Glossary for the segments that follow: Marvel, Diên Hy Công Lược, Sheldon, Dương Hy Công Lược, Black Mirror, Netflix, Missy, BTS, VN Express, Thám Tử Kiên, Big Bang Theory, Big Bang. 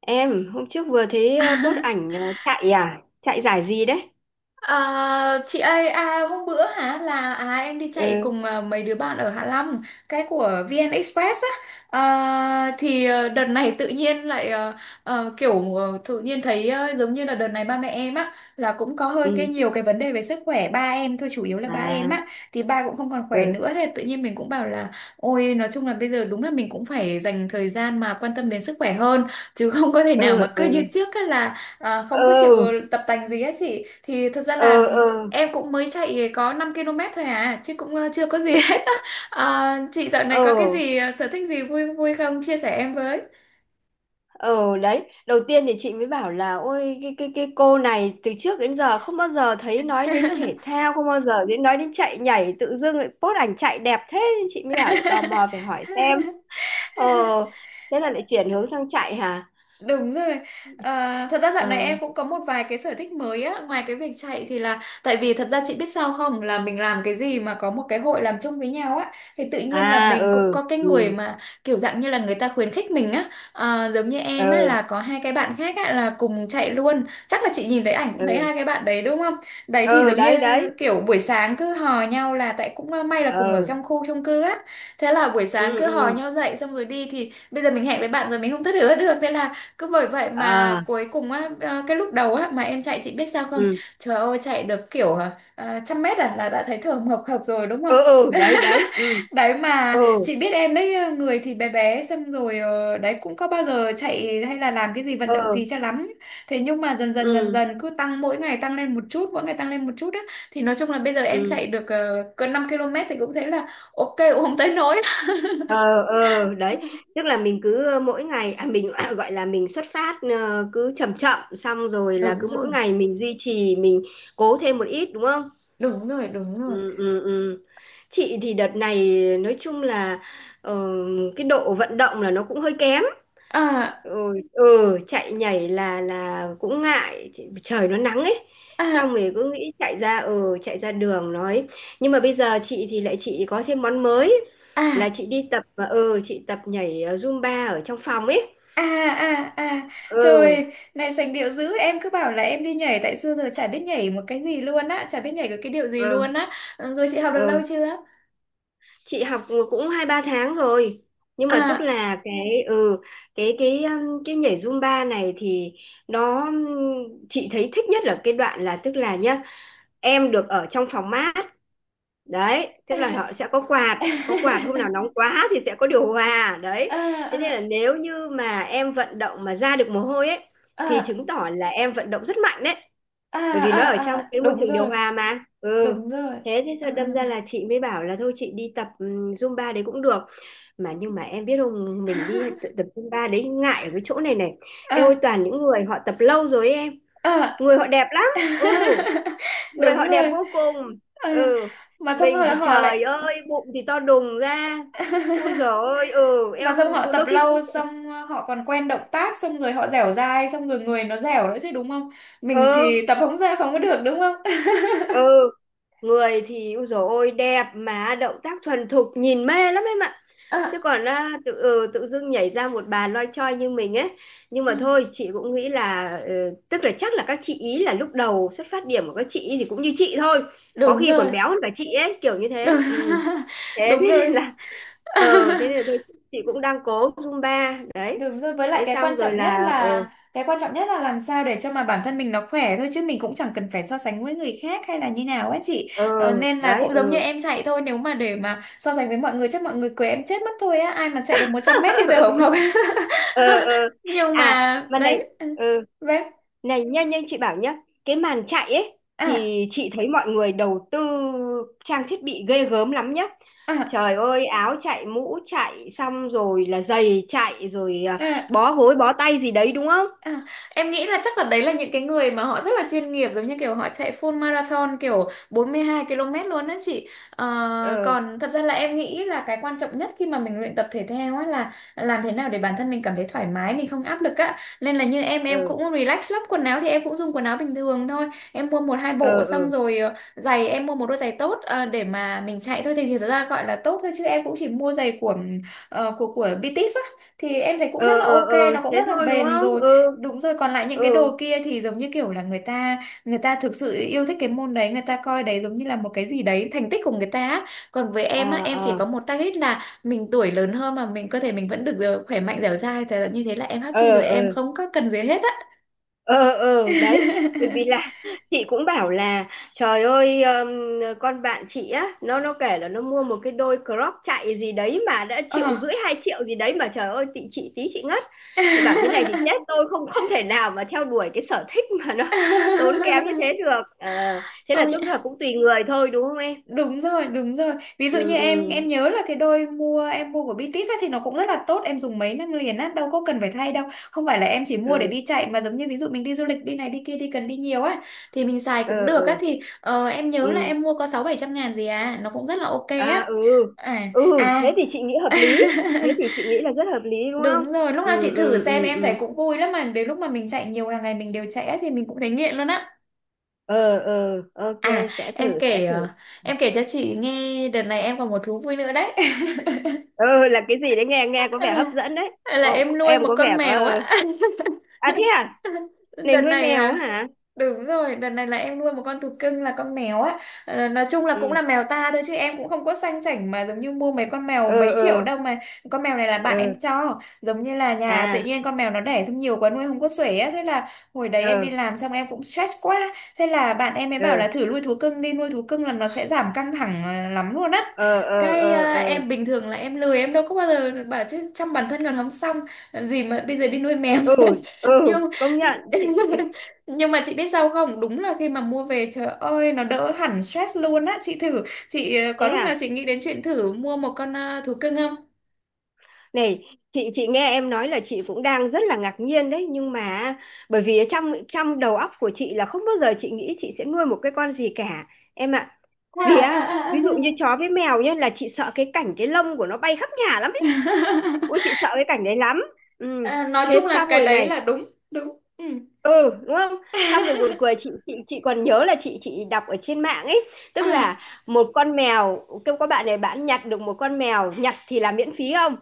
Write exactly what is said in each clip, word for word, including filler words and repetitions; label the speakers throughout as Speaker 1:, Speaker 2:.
Speaker 1: Em, hôm trước vừa thấy ờ, post ảnh ờ, chạy à? Chạy giải gì đấy?
Speaker 2: À, chị ơi à, hôm bữa hả là à, em đi chạy
Speaker 1: Ừ,
Speaker 2: cùng à, mấy đứa bạn ở Hạ Long, cái của vê en Express á. À, thì ờ, đợt này tự nhiên lại ờ, ờ, kiểu ờ, tự nhiên thấy ờ, giống như là đợt này ba mẹ em á là cũng có hơi cái
Speaker 1: ừ.
Speaker 2: nhiều cái vấn đề về sức khỏe, ba em thôi, chủ yếu là ba
Speaker 1: À,
Speaker 2: em á, thì ba cũng không còn khỏe
Speaker 1: ừ,
Speaker 2: nữa. Thế tự nhiên mình cũng bảo là ôi nói chung là bây giờ đúng là mình cũng phải dành thời gian mà quan tâm đến sức khỏe hơn, chứ không có thể
Speaker 1: ừ,
Speaker 2: nào mà cứ như
Speaker 1: ừ,
Speaker 2: trước á là. À, không có chịu
Speaker 1: ừ,
Speaker 2: tập tành gì hết chị, thì thật ra
Speaker 1: ừ,
Speaker 2: là
Speaker 1: ừ,
Speaker 2: em cũng mới chạy có năm ki lô mét thôi à, chứ cũng ờ, chưa có gì hết á. À, chị dạo này
Speaker 1: ừ,
Speaker 2: có cái gì ờ, sở thích gì vui vui không, chia sẻ em với.
Speaker 1: ừ, đấy. Đầu tiên thì chị mới bảo là ôi cái cái cái cô này từ trước đến giờ không bao giờ thấy nói đến thể thao, không bao giờ đến nói đến chạy nhảy, tự dưng lại post ảnh chạy đẹp thế. Chị mới bảo là tò mò phải hỏi xem. Ờ, thế là lại chuyển hướng sang chạy hả?
Speaker 2: Đúng rồi. À, thật ra dạo này
Speaker 1: Ờ,
Speaker 2: em cũng có một vài cái sở thích mới á, ngoài cái việc chạy thì là tại vì thật ra chị biết sao không, là mình làm cái gì mà có một cái hội làm chung với nhau á, thì tự nhiên là
Speaker 1: à,
Speaker 2: mình cũng
Speaker 1: ừ,
Speaker 2: có cái người
Speaker 1: ừ,
Speaker 2: mà kiểu dạng như là người ta khuyến khích mình á. À, giống như em á,
Speaker 1: ừ,
Speaker 2: là có hai cái bạn khác á là cùng chạy luôn. Chắc là chị nhìn thấy ảnh cũng thấy
Speaker 1: ừ,
Speaker 2: hai cái bạn đấy đúng không? Đấy thì
Speaker 1: ừ,
Speaker 2: giống
Speaker 1: đấy
Speaker 2: như
Speaker 1: đấy.
Speaker 2: kiểu buổi sáng cứ hò nhau, là tại cũng ờ, may là cùng ở
Speaker 1: Ờ,
Speaker 2: trong khu chung cư á. Thế là buổi
Speaker 1: ừ,
Speaker 2: sáng cứ
Speaker 1: ừ,
Speaker 2: hò nhau dậy xong rồi đi, thì bây giờ mình hẹn với bạn rồi mình không thất hứa được, thế là cứ bởi vậy mà
Speaker 1: à,
Speaker 2: cuối cùng á. ờ, cái lúc đầu á mà em chạy, chị biết sao không?
Speaker 1: ừ,
Speaker 2: Trời ơi, chạy được kiểu ờ, ờ, trăm mét à là đã thấy thở hồng hộc rồi đúng không?
Speaker 1: ừ, ừ, đấy đấy, ừ,
Speaker 2: Đấy,
Speaker 1: ừ,
Speaker 2: mà chị biết em đấy, ờ, người thì bé bé, xong rồi ờ, đấy cũng có bao giờ chạy hay là làm cái gì vận động
Speaker 1: ừ,
Speaker 2: gì cho lắm. Thế nhưng mà dần dần dần
Speaker 1: ừ,
Speaker 2: dần cứ tăng, mỗi ngày tăng lên một chút, mỗi ngày tăng lên một chút á, thì nói chung là bây giờ em
Speaker 1: ừ,
Speaker 2: chạy được uh, gần năm ki lô mét thì cũng thấy là ok, cũng không tới nỗi.
Speaker 1: ờ, ờ, đấy. Tức là mình cứ ờ, mỗi ngày à, mình gọi là mình xuất phát ờ, cứ chậm chậm, xong rồi là
Speaker 2: Đúng
Speaker 1: cứ mỗi
Speaker 2: rồi,
Speaker 1: ngày mình duy trì, mình cố thêm một ít đúng không?
Speaker 2: đúng rồi, đúng rồi.
Speaker 1: Ừ, ừ, ừ. Chị thì đợt này nói chung là ờ, cái độ vận động là nó cũng hơi kém.
Speaker 2: À,
Speaker 1: Ừ, ừ, chạy nhảy là là cũng ngại. Chị- trời nó nắng ấy, xong
Speaker 2: à,
Speaker 1: rồi cứ nghĩ chạy ra, ừ, chạy ra đường nói. Nhưng mà bây giờ chị thì lại chị có thêm món mới là
Speaker 2: à.
Speaker 1: chị đi tập, và ừ, chị tập nhảy ờ, Zumba ở trong phòng ấy.
Speaker 2: À, à, à.
Speaker 1: Ừ,
Speaker 2: Trời này sành điệu dữ. Em cứ bảo là em đi nhảy. Tại xưa giờ chả biết nhảy một cái gì luôn á, chả biết nhảy cái, cái điệu gì luôn
Speaker 1: ừ,
Speaker 2: á. Ừ, rồi chị học được lâu
Speaker 1: ừ.
Speaker 2: chưa?
Speaker 1: Chị học cũng hai ba tháng rồi. Nhưng mà tức
Speaker 2: À,
Speaker 1: là cái ừ cái cái um, cái nhảy Zumba này thì nó um, chị thấy thích nhất là cái đoạn là, tức là nhá, em được ở trong phòng mát. Đấy, tức là họ
Speaker 2: à.
Speaker 1: sẽ có quạt, có quạt hôm nào nóng quá thì sẽ có điều hòa
Speaker 2: À,
Speaker 1: đấy. Thế nên là
Speaker 2: à,
Speaker 1: nếu như mà em vận động mà ra được mồ hôi ấy thì
Speaker 2: à,
Speaker 1: chứng tỏ là em vận động rất mạnh đấy,
Speaker 2: à,
Speaker 1: bởi vì nó
Speaker 2: à,
Speaker 1: ở trong
Speaker 2: à.
Speaker 1: cái môi
Speaker 2: Đúng
Speaker 1: trường điều
Speaker 2: rồi.
Speaker 1: hòa mà, ừ.
Speaker 2: Đúng rồi.
Speaker 1: Thế thế
Speaker 2: Ừ,
Speaker 1: sao
Speaker 2: ừ,
Speaker 1: đâm ra
Speaker 2: ừ.
Speaker 1: là chị mới bảo là thôi chị đi tập ừm, Zumba đấy cũng được. Mà nhưng mà em biết không, mình đi t- tập Zumba đấy, ngại ở cái chỗ này này, em ơi.
Speaker 2: À,
Speaker 1: Toàn những người họ tập lâu rồi ấy em,
Speaker 2: à.
Speaker 1: người họ đẹp lắm. Ừ, người
Speaker 2: Đúng
Speaker 1: họ đẹp
Speaker 2: rồi.
Speaker 1: vô cùng.
Speaker 2: Ờ,
Speaker 1: Ừ,
Speaker 2: mà xong
Speaker 1: mình
Speaker 2: rồi
Speaker 1: thì
Speaker 2: họ
Speaker 1: trời
Speaker 2: lại.
Speaker 1: ơi bụng thì to đùng ra, ui dồi ôi, ừ,
Speaker 2: Mà
Speaker 1: eo.
Speaker 2: xong họ
Speaker 1: Cũng-
Speaker 2: tập
Speaker 1: đôi khi
Speaker 2: lâu,
Speaker 1: cũng,
Speaker 2: xong ờ, họ còn quen động tác, xong rồi họ dẻo dai, xong rồi người nó dẻo nữa chứ đúng không? Mình
Speaker 1: ừ,
Speaker 2: thì tập không ra, không có được đúng không.
Speaker 1: ừ, người thì ui dồi ôi đẹp, mà động tác thuần thục nhìn mê lắm em ạ.
Speaker 2: À,
Speaker 1: Chứ còn à, tự ừ, tự dưng nhảy ra một bà loi choi như mình ấy. Nhưng
Speaker 2: à,
Speaker 1: mà thôi, chị cũng nghĩ là ừ, tức là chắc là các chị ý là lúc đầu xuất phát điểm của các chị ý thì cũng như chị thôi, có
Speaker 2: đúng
Speaker 1: khi còn
Speaker 2: rồi.
Speaker 1: béo hơn cả chị ấy kiểu như thế,
Speaker 2: Đúng,
Speaker 1: ừ. Thế thế
Speaker 2: đúng
Speaker 1: nên
Speaker 2: rồi.
Speaker 1: là ờ thế nên là tôi chị cũng đang cố Zumba đấy.
Speaker 2: Đúng rồi, với lại
Speaker 1: Thế
Speaker 2: cái
Speaker 1: xong
Speaker 2: quan
Speaker 1: rồi
Speaker 2: trọng nhất
Speaker 1: là, ờ,
Speaker 2: là cái quan trọng nhất là làm sao để cho mà bản thân mình nó khỏe thôi, chứ mình cũng chẳng cần phải so sánh với người khác hay là như nào á chị.
Speaker 1: ờ,
Speaker 2: Ờ, nên là
Speaker 1: đấy,
Speaker 2: cũng giống như
Speaker 1: ừ,
Speaker 2: em chạy thôi, nếu mà để mà so sánh với mọi người chắc mọi người quấy em chết mất thôi á, ai mà chạy được một trăm mét thì tôi không học.
Speaker 1: ờ, ờ.
Speaker 2: Nhưng
Speaker 1: À
Speaker 2: mà
Speaker 1: mà này,
Speaker 2: đấy. Ừ,
Speaker 1: ừ,
Speaker 2: đấy.
Speaker 1: này nhá, nhưng chị bảo nhá, cái màn chạy ấy
Speaker 2: À,
Speaker 1: thì chị thấy mọi người đầu tư trang thiết bị ghê gớm lắm nhá.
Speaker 2: à,
Speaker 1: Trời ơi áo chạy, mũ chạy, xong rồi là giày chạy, rồi à,
Speaker 2: à.
Speaker 1: bó gối, bó tay gì đấy đúng không?
Speaker 2: À, em nghĩ là chắc là đấy là những cái người mà họ rất là chuyên nghiệp, giống như kiểu họ chạy full marathon kiểu bốn mươi hai ki lô mét luôn á chị. Ờ,
Speaker 1: Ờ,
Speaker 2: còn thật ra là em nghĩ là cái quan trọng nhất khi mà mình luyện tập thể thao á là làm thế nào để bản thân mình cảm thấy thoải mái, mình không áp lực á. Nên là như em em
Speaker 1: ờ,
Speaker 2: cũng relax lắm, quần áo thì em cũng dùng quần áo bình thường thôi. Em mua một hai bộ,
Speaker 1: ờ,
Speaker 2: xong
Speaker 1: ờ,
Speaker 2: rồi ờ, giày em mua một đôi giày tốt ờ, để mà mình chạy thôi, thì thì thật ra gọi là tốt thôi, chứ em cũng chỉ mua giày của ờ, của của bi ti ét á, thì em thấy cũng rất
Speaker 1: ờ,
Speaker 2: là
Speaker 1: ờ,
Speaker 2: ok,
Speaker 1: ờ,
Speaker 2: nó cũng
Speaker 1: thế
Speaker 2: rất là
Speaker 1: thôi đúng
Speaker 2: bền
Speaker 1: không?
Speaker 2: rồi.
Speaker 1: Ừ,
Speaker 2: Đúng rồi, còn lại những cái
Speaker 1: ừ,
Speaker 2: đồ kia thì giống như kiểu là người ta người ta thực sự yêu thích cái môn đấy, người ta coi đấy giống như là một cái gì đấy, thành tích của người ta á. Còn với
Speaker 1: à,
Speaker 2: em á, em chỉ
Speaker 1: à,
Speaker 2: có một target là mình tuổi lớn hơn mà mình cơ thể mình vẫn được ờ, khỏe mạnh dẻo dai, thế là như thế là em
Speaker 1: ờ,
Speaker 2: happy rồi,
Speaker 1: ờ,
Speaker 2: em không có cần gì hết á.
Speaker 1: ờ, ờ, đấy. Bởi vì là chị cũng bảo là trời ơi, ừm, con bạn chị á, nó nó kể là nó mua một cái đôi crop chạy gì đấy mà đã triệu
Speaker 2: Ờ.
Speaker 1: rưỡi hai triệu gì đấy, mà trời ơi chị chị tí chị ngất. Chị bảo thế này thì chết tôi, không, không thể nào mà theo đuổi cái sở thích mà nó tốn kém như thế được. Ờ, thế là
Speaker 2: Ôi,
Speaker 1: tức là cũng tùy người thôi đúng không em?
Speaker 2: đúng rồi, đúng rồi. Ví dụ
Speaker 1: Ừ,
Speaker 2: như em em
Speaker 1: ừ,
Speaker 2: nhớ là cái đôi mua, em mua của bi ti ét ấy, thì nó cũng rất là tốt, em dùng mấy năm liền á, đâu có cần phải thay đâu. Không phải là em chỉ mua để
Speaker 1: ừ,
Speaker 2: đi chạy, mà giống như ví dụ mình đi du lịch, đi này đi kia, đi cần đi nhiều á thì mình xài cũng được á.
Speaker 1: ừ,
Speaker 2: Thì ờ, em nhớ là
Speaker 1: ừ.
Speaker 2: em mua có sáu bảy trăm ngàn gì à, nó cũng rất là ok á.
Speaker 1: À, ừ,
Speaker 2: À,
Speaker 1: ừ, thế
Speaker 2: à.
Speaker 1: thì chị nghĩ hợp lý. Thế thì chị nghĩ là rất hợp lý đúng không?
Speaker 2: Đúng rồi, lúc nào chị
Speaker 1: Ừ,
Speaker 2: thử
Speaker 1: ừ,
Speaker 2: xem,
Speaker 1: ừ,
Speaker 2: em thấy
Speaker 1: ừ.
Speaker 2: cũng vui lắm, mà đến lúc mà mình chạy nhiều, hàng ngày mình đều chạy á, thì mình cũng thấy nghiện luôn á.
Speaker 1: Ờ, ờ, ok,
Speaker 2: À,
Speaker 1: sẽ
Speaker 2: em
Speaker 1: thử, sẽ
Speaker 2: kể
Speaker 1: thử.
Speaker 2: ờ, em kể cho chị nghe đợt này em còn một thú vui nữa đấy.
Speaker 1: Ừ, là cái gì đấy nghe, nghe có
Speaker 2: Hay
Speaker 1: vẻ hấp
Speaker 2: là
Speaker 1: dẫn đấy.
Speaker 2: hay là
Speaker 1: Cô, cô-
Speaker 2: em nuôi
Speaker 1: em
Speaker 2: một
Speaker 1: có
Speaker 2: con
Speaker 1: vẻ có...
Speaker 2: mèo
Speaker 1: ờ.
Speaker 2: á.
Speaker 1: À thế à? Này
Speaker 2: Đợt
Speaker 1: nuôi
Speaker 2: này
Speaker 1: mèo á
Speaker 2: à,
Speaker 1: hả?
Speaker 2: đúng rồi, đợt này là em nuôi một con thú cưng là con mèo á. Ờ, nói chung là cũng
Speaker 1: Ừ,
Speaker 2: là mèo ta thôi, chứ em cũng không có sang chảnh mà giống như mua mấy con mèo
Speaker 1: ờ,
Speaker 2: mấy triệu
Speaker 1: ờ,
Speaker 2: đâu mà. Con mèo này là
Speaker 1: ờ,
Speaker 2: bạn em cho. Giống như là nhà tự
Speaker 1: à,
Speaker 2: nhiên con mèo nó đẻ, xong nhiều quá nuôi không có xuể á. Thế là hồi đấy em đi
Speaker 1: ờ,
Speaker 2: làm xong em cũng stress quá. Thế là bạn em mới
Speaker 1: ờ,
Speaker 2: bảo là thử nuôi thú cưng đi, nuôi thú cưng là nó sẽ giảm căng thẳng ờ, lắm luôn á.
Speaker 1: ờ, ờ,
Speaker 2: Cái ờ,
Speaker 1: ờ, ờ.
Speaker 2: em bình thường là em lười, em đâu có bao giờ bảo, chứ chăm bản thân còn không xong, làm gì mà bây giờ đi nuôi mèo.
Speaker 1: Ừ, ừ,
Speaker 2: Nhưng.
Speaker 1: công nhận. Chị...
Speaker 2: Nhưng mà chị biết sao không? Đúng là khi mà mua về trời ơi nó đỡ hẳn stress luôn á. Chị thử, chị ờ,
Speaker 1: Thế
Speaker 2: có lúc nào
Speaker 1: à?
Speaker 2: chị nghĩ đến chuyện thử mua một con ờ, thú cưng không?
Speaker 1: Này, chị chị nghe em nói là chị cũng đang rất là ngạc nhiên đấy, nhưng mà bởi vì trong trong đầu óc của chị là không bao giờ chị nghĩ chị sẽ nuôi một cái con gì cả em ạ.
Speaker 2: À,
Speaker 1: Vì
Speaker 2: à,
Speaker 1: á, ví dụ như
Speaker 2: à, à.
Speaker 1: chó với mèo nhá, là chị sợ cái cảnh cái lông của nó bay khắp nhà lắm ấy. Ôi chị sợ cái cảnh đấy lắm. Ừ.
Speaker 2: À, nói
Speaker 1: Thế
Speaker 2: chung là
Speaker 1: xong
Speaker 2: cái
Speaker 1: rồi
Speaker 2: đấy
Speaker 1: này,
Speaker 2: là đúng, đúng. Ừ.
Speaker 1: ừ, đúng không, xong rồi buồn cười. Chị chị chị còn nhớ là chị chị đọc ở trên mạng ấy, tức
Speaker 2: À,
Speaker 1: là một con mèo kêu có bạn này, bạn nhặt được một con mèo, nhặt thì là miễn phí không,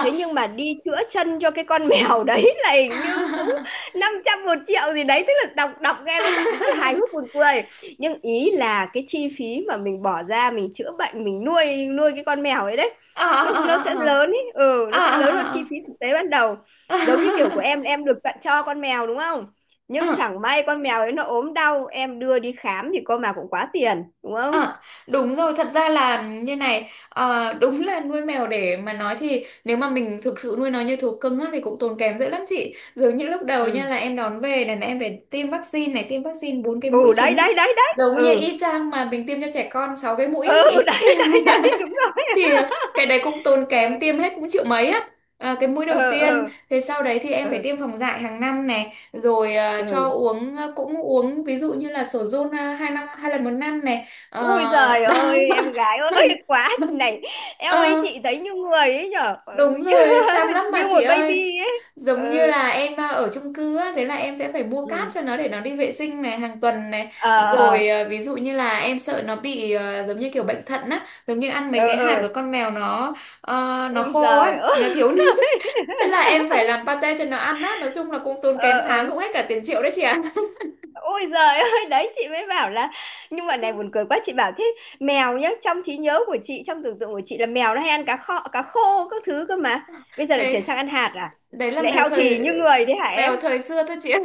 Speaker 1: thế nhưng mà đi chữa chân cho cái con mèo đấy là hình như cũng
Speaker 2: à.
Speaker 1: năm trăm một triệu gì đấy. Tức là đọc, đọc nghe nó giọng rất là hài hước buồn cười, nhưng ý là cái chi phí mà mình bỏ ra mình chữa bệnh, mình nuôi, nuôi cái con mèo ấy đấy,
Speaker 2: À,
Speaker 1: nó nó sẽ
Speaker 2: à,
Speaker 1: lớn
Speaker 2: à,
Speaker 1: ấy, ừ,
Speaker 2: à,
Speaker 1: nó sẽ
Speaker 2: à,
Speaker 1: lớn hơn
Speaker 2: à,
Speaker 1: chi
Speaker 2: à.
Speaker 1: phí thực tế ban đầu.
Speaker 2: À, à,
Speaker 1: Giống như kiểu
Speaker 2: à, à,
Speaker 1: của
Speaker 2: à,
Speaker 1: em em được tặng cho con mèo đúng không,
Speaker 2: à,
Speaker 1: nhưng
Speaker 2: à.
Speaker 1: chẳng may con mèo ấy nó ốm đau em đưa đi khám thì cô mà cũng quá tiền đúng không?
Speaker 2: À, đúng rồi, thật ra là như này. Ờ, đúng là nuôi mèo để mà nói thì nếu mà mình thực sự nuôi nó như thú cưng á, thì cũng tốn kém dữ lắm chị. Giống như lúc đầu nha,
Speaker 1: Ừ,
Speaker 2: là em đón về này, là em phải tiêm vaccine này, tiêm vaccine bốn cái mũi
Speaker 1: ừ, đấy
Speaker 2: chính.
Speaker 1: đấy đấy đấy,
Speaker 2: Giống như
Speaker 1: ừ,
Speaker 2: y chang mà mình tiêm cho trẻ con sáu cái mũi
Speaker 1: ừ,
Speaker 2: á chị.
Speaker 1: đấy đấy đấy đúng rồi.
Speaker 2: Thì cái đấy cũng tốn kém,
Speaker 1: Ừ,
Speaker 2: tiêm hết cũng triệu mấy á. À, cái mũi
Speaker 1: ừ,
Speaker 2: đầu tiên,
Speaker 1: ừ,
Speaker 2: thế sau đấy thì em phải
Speaker 1: ừ,
Speaker 2: tiêm phòng dại hàng năm này, rồi ờ, cho
Speaker 1: ừ.
Speaker 2: uống, ờ, cũng uống ví dụ như là sổ giôn ờ, hai năm hai lần một năm này. Ờ,
Speaker 1: Ui giời ơi
Speaker 2: đó.
Speaker 1: em gái ơi, quá này. Em ơi
Speaker 2: Ờ,
Speaker 1: chị thấy như người ấy nhở. Ừ,
Speaker 2: đúng
Speaker 1: như
Speaker 2: rồi, chăm lắm mà
Speaker 1: như
Speaker 2: chị
Speaker 1: một baby
Speaker 2: ơi.
Speaker 1: ấy.
Speaker 2: Giống như
Speaker 1: Ừ,
Speaker 2: là em à, ở chung cư á, thế là em sẽ phải mua cát
Speaker 1: ừ,
Speaker 2: cho nó để nó đi vệ sinh này hàng tuần này.
Speaker 1: ờ,
Speaker 2: Rồi
Speaker 1: ờ,
Speaker 2: à, ví dụ như là em sợ nó bị à, giống như kiểu bệnh thận á, giống như ăn mấy
Speaker 1: ờ,
Speaker 2: cái hạt của
Speaker 1: ờ,
Speaker 2: con mèo nó ờ, nó
Speaker 1: ui
Speaker 2: khô
Speaker 1: giời
Speaker 2: á, nó
Speaker 1: ơi,
Speaker 2: thiếu nước. Thế là em phải làm pate cho nó ăn á, nói chung là cũng tốn
Speaker 1: ờ,
Speaker 2: kém, tháng cũng
Speaker 1: ờ.
Speaker 2: hết cả tiền triệu đấy chị ạ.
Speaker 1: Ôi giời ơi, đấy chị mới bảo là nhưng mà này buồn cười quá. Chị bảo thế, mèo nhá, trong trí nhớ của chị, trong tưởng tượng của chị là mèo nó hay ăn cá kho, cá khô các thứ cơ mà. Bây giờ lại
Speaker 2: Đấy,
Speaker 1: chuyển sang ăn hạt à?
Speaker 2: đấy là
Speaker 1: Lại
Speaker 2: mèo
Speaker 1: healthy
Speaker 2: thời
Speaker 1: như người đấy hả em?
Speaker 2: mèo thời xưa thôi chị ạ.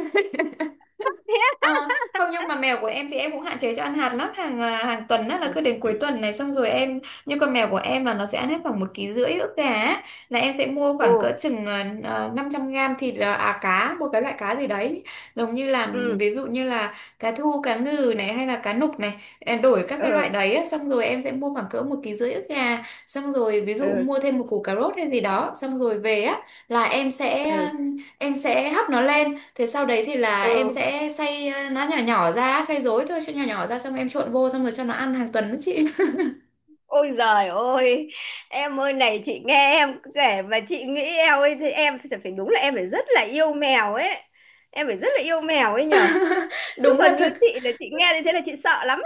Speaker 1: Thế á?
Speaker 2: À, không nhưng mà mèo của em thì em cũng hạn chế cho ăn hạt lắm, hàng à, hàng tuần á là cứ đến cuối tuần này xong rồi em, như con mèo của em là nó sẽ ăn hết khoảng một ký rưỡi ức gà á. Là em sẽ mua khoảng cỡ
Speaker 1: Ừ,
Speaker 2: chừng uh, năm trăm gram thịt, à à, cá, một cái loại cá gì đấy giống như là,
Speaker 1: ừ,
Speaker 2: ví dụ như là cá thu, cá ngừ này hay là cá nục này, em đổi các cái
Speaker 1: ừ,
Speaker 2: loại đấy á. Xong rồi em sẽ mua khoảng cỡ một ký rưỡi ức gà, xong rồi ví dụ
Speaker 1: ừ,
Speaker 2: mua thêm một củ cà rốt hay gì đó, xong rồi về á là em
Speaker 1: ừ,
Speaker 2: sẽ,
Speaker 1: ừ.
Speaker 2: em sẽ hấp nó lên. Thế sau đấy thì là em
Speaker 1: Ừ.
Speaker 2: sẽ xay ờ, nó nhỏ nhỏ ra, xay dối thôi, cho nhỏ nhỏ ra xong em trộn vô xong rồi cho nó ăn hàng tuần đó chị.
Speaker 1: Ôi giời ơi, em ơi, này chị nghe em kể mà chị nghĩ em ơi, thì em phải phải đúng là em phải rất là yêu mèo ấy, em phải rất là yêu mèo ấy nhở, chứ
Speaker 2: Đúng
Speaker 1: còn
Speaker 2: là
Speaker 1: như
Speaker 2: thực
Speaker 1: chị là chị nghe như thế là chị sợ lắm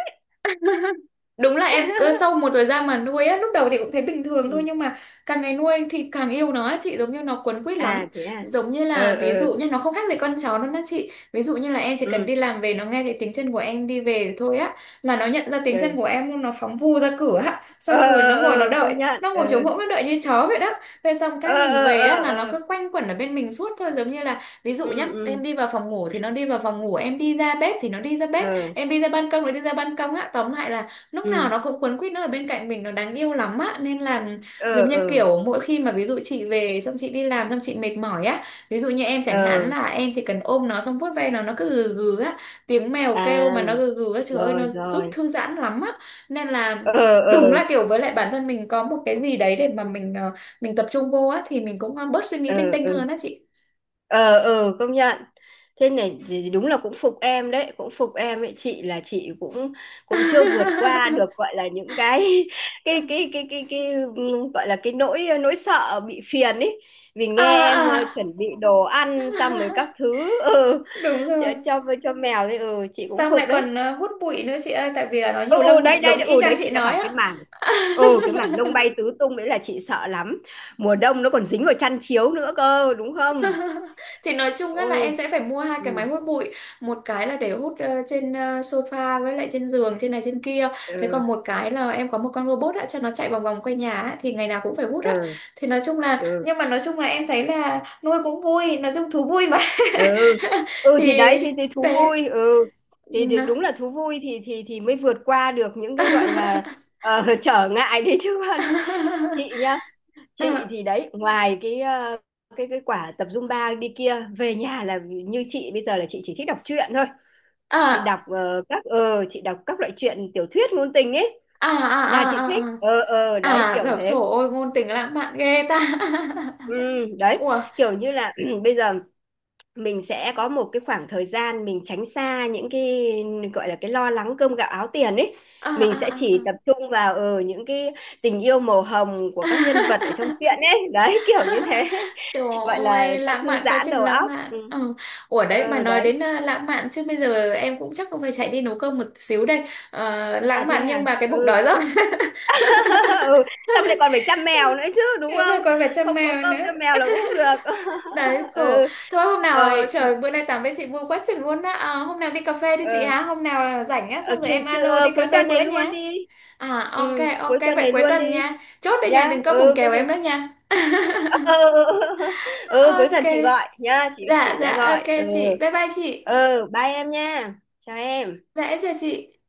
Speaker 2: Đúng là em cứ sau một thời gian mà nuôi á, lúc đầu thì cũng thấy bình thường thôi
Speaker 1: ấy.
Speaker 2: nhưng mà càng ngày nuôi thì càng yêu nó á chị, giống như nó quấn quýt lắm.
Speaker 1: À thế à?
Speaker 2: Giống như
Speaker 1: Ờ,
Speaker 2: là ví
Speaker 1: ờ,
Speaker 2: dụ như nó không khác gì con chó đâu đó chị. Ví dụ như là em chỉ cần
Speaker 1: ừ,
Speaker 2: đi làm về, nó nghe cái tiếng chân của em đi về thôi á là nó nhận ra tiếng
Speaker 1: ừ,
Speaker 2: chân của em luôn, nó phóng vù ra cửa á,
Speaker 1: ờ,
Speaker 2: xong rồi nó
Speaker 1: ờ,
Speaker 2: ngồi nó
Speaker 1: ờ,
Speaker 2: đợi,
Speaker 1: công nhận,
Speaker 2: nó
Speaker 1: ờ,
Speaker 2: ngồi trống hỗn nó đợi như chó vậy đó. Thế xong
Speaker 1: ờ,
Speaker 2: cái mình
Speaker 1: ờ,
Speaker 2: về
Speaker 1: ờ,
Speaker 2: á là nó
Speaker 1: ờ,
Speaker 2: cứ quanh quẩn ở bên mình suốt thôi, giống như là ví dụ
Speaker 1: ừ,
Speaker 2: nhá,
Speaker 1: ừ,
Speaker 2: em đi vào phòng ngủ thì nó đi vào phòng ngủ, em đi ra bếp thì nó đi ra
Speaker 1: ờ,
Speaker 2: bếp, em đi ra ban công nó đi ra ban công á, tóm lại là lúc nào
Speaker 1: ừ,
Speaker 2: nó cũng quấn quýt, nó ở bên cạnh mình, nó đáng yêu lắm á. Nên là
Speaker 1: ờ,
Speaker 2: giống như
Speaker 1: ờ,
Speaker 2: kiểu mỗi khi mà ví dụ chị về, xong chị đi làm xong chị mệt mỏi á, ví dụ như em chẳng hạn
Speaker 1: ờ,
Speaker 2: là em chỉ cần ôm nó xong vuốt ve nó nó cứ gừ gừ á, tiếng mèo kêu
Speaker 1: à,
Speaker 2: mà nó gừ gừ á, trời ơi nó
Speaker 1: rồi
Speaker 2: giúp
Speaker 1: rồi,
Speaker 2: thư giãn lắm á. Nên là
Speaker 1: ờ,
Speaker 2: đúng
Speaker 1: ờ,
Speaker 2: là kiểu, với lại bản thân mình có một cái gì đấy để mà mình ờ, mình tập trung vô á thì mình cũng ờ, bớt suy nghĩ
Speaker 1: ờ,
Speaker 2: linh tinh
Speaker 1: ờ,
Speaker 2: hơn á chị.
Speaker 1: ờ, ừ, công nhận. Thế này thì đúng là cũng phục em đấy, cũng phục em ấy. Chị là chị cũng cũng chưa vượt qua được, gọi là những cái cái cái cái cái, cái, ừm, gọi là cái nỗi nỗi sợ bị phiền ấy. Vì
Speaker 2: À,
Speaker 1: nghe em ờ,
Speaker 2: à,
Speaker 1: chuẩn bị đồ ăn xong rồi các thứ, ừ,
Speaker 2: đúng
Speaker 1: cho
Speaker 2: rồi.
Speaker 1: cho cho mèo đấy, ừ, chị cũng
Speaker 2: Xong
Speaker 1: phục
Speaker 2: lại
Speaker 1: đấy.
Speaker 2: còn ờ, hút bụi nữa chị ơi, tại vì là nó
Speaker 1: Ừ,
Speaker 2: nhiều
Speaker 1: ừ,
Speaker 2: lông
Speaker 1: đấy đấy
Speaker 2: giống
Speaker 1: đấy,
Speaker 2: y
Speaker 1: ừ,
Speaker 2: chang
Speaker 1: đấy
Speaker 2: chị
Speaker 1: chị đã
Speaker 2: nói
Speaker 1: bảo cái
Speaker 2: á.
Speaker 1: màn, ừ, cái màn lông bay tứ tung đấy là chị sợ lắm. Mùa đông nó còn dính vào chăn chiếu nữa cơ đúng không?
Speaker 2: Thì nói chung á là em
Speaker 1: Ôi,
Speaker 2: sẽ phải mua hai cái máy
Speaker 1: ừ,
Speaker 2: hút bụi, một cái là để hút ờ, trên ờ, sofa, với lại trên giường trên này trên kia. Thế
Speaker 1: ừ,
Speaker 2: còn một cái là em có một con robot á cho nó chạy vòng vòng quanh nhà á, thì ngày nào cũng phải hút á.
Speaker 1: ừ,
Speaker 2: Thì nói chung là,
Speaker 1: ừ,
Speaker 2: nhưng mà nói chung là em thấy là nuôi cũng vui, nói chung thú vui mà.
Speaker 1: ừ, ừ
Speaker 2: Thì
Speaker 1: thì đấy thì, thì thú
Speaker 2: đấy.
Speaker 1: vui, ừ, thì, thì
Speaker 2: Nó-
Speaker 1: đúng là thú vui thì thì thì mới vượt qua được những cái gọi là ờ, trở ngại đấy chứ còn. Chị nhá, chị
Speaker 2: À,
Speaker 1: thì đấy, ngoài cái ờ, cái cái quả tập Zumba đi kia về nhà là, như chị bây giờ là chị chỉ thích đọc truyện thôi. Chị
Speaker 2: à,
Speaker 1: đọc ờ, các ờ chị đọc các loại truyện tiểu thuyết ngôn tình ấy,
Speaker 2: à, à,
Speaker 1: là chị
Speaker 2: à,
Speaker 1: thích,
Speaker 2: à.
Speaker 1: ờ, ờ, đấy
Speaker 2: À,
Speaker 1: kiểu
Speaker 2: dở, trời
Speaker 1: thế.
Speaker 2: ơi, ngôn tình lãng mạn ghê ta.
Speaker 1: Ừ, đấy,
Speaker 2: Ủa,
Speaker 1: kiểu như là bây giờ mình sẽ có một cái khoảng thời gian mình tránh xa những cái gọi là cái lo lắng cơm gạo áo tiền ấy.
Speaker 2: à,
Speaker 1: Mình
Speaker 2: à,
Speaker 1: sẽ
Speaker 2: à.
Speaker 1: chỉ
Speaker 2: À.
Speaker 1: tập trung vào ở những cái tình yêu màu hồng của các nhân vật ở trong truyện ấy, đấy kiểu như thế.
Speaker 2: Trời
Speaker 1: Gọi là
Speaker 2: ơi,
Speaker 1: cho
Speaker 2: lãng
Speaker 1: thư
Speaker 2: mạn quá
Speaker 1: giãn đầu
Speaker 2: trình lãng
Speaker 1: óc,
Speaker 2: mạn.
Speaker 1: ừ.
Speaker 2: Ừ. Ủa đấy, mà
Speaker 1: Ừ,
Speaker 2: nói
Speaker 1: đấy.
Speaker 2: đến ờ, lãng mạn chứ bây giờ em cũng chắc cũng phải chạy đi nấu cơm một xíu đây. Ờ,
Speaker 1: À
Speaker 2: lãng
Speaker 1: thế
Speaker 2: mạn nhưng
Speaker 1: à?
Speaker 2: mà cái bụng đói
Speaker 1: Ừ,
Speaker 2: rồi.
Speaker 1: ừ, xong lại còn phải chăm mèo nữa chứ đúng
Speaker 2: Hiểu rồi,
Speaker 1: không?
Speaker 2: còn phải chăm
Speaker 1: Không có
Speaker 2: mèo
Speaker 1: cơm
Speaker 2: nữa.
Speaker 1: cho mèo là cũng không được.
Speaker 2: Đấy, khổ.
Speaker 1: Ừ,
Speaker 2: Thôi hôm nào, ờ,
Speaker 1: rồi,
Speaker 2: trời, bữa nay tám với chị vui quá chừng luôn á. Ờ, hôm nào đi cà phê đi chị
Speaker 1: ừ.
Speaker 2: hả? Hôm nào rảnh á,
Speaker 1: Ờ,
Speaker 2: xong rồi
Speaker 1: chủ,
Speaker 2: em
Speaker 1: thứ-
Speaker 2: alo đi
Speaker 1: ờ,
Speaker 2: cà
Speaker 1: cuối
Speaker 2: phê
Speaker 1: tuần
Speaker 2: bữa
Speaker 1: này luôn
Speaker 2: nhé.
Speaker 1: đi.
Speaker 2: À, ok
Speaker 1: Ừ,
Speaker 2: ok
Speaker 1: cuối tuần
Speaker 2: vậy
Speaker 1: này
Speaker 2: cuối
Speaker 1: luôn đi.
Speaker 2: tuần nha. Chốt đây nha,
Speaker 1: Nhá.
Speaker 2: đừng có bùng
Speaker 1: Ừ, có
Speaker 2: kèo
Speaker 1: gì.
Speaker 2: em đó nha.
Speaker 1: Ừ, ừ, ừ. Ừ, cuối tuần chị
Speaker 2: Ok.
Speaker 1: gọi nhá, chị chị
Speaker 2: Dạ dạ
Speaker 1: sẽ
Speaker 2: ok
Speaker 1: gọi. Ừ.
Speaker 2: chị. Bye bye chị.
Speaker 1: Ừ, bye em nha. Chào em.
Speaker 2: Dạ em chào chị.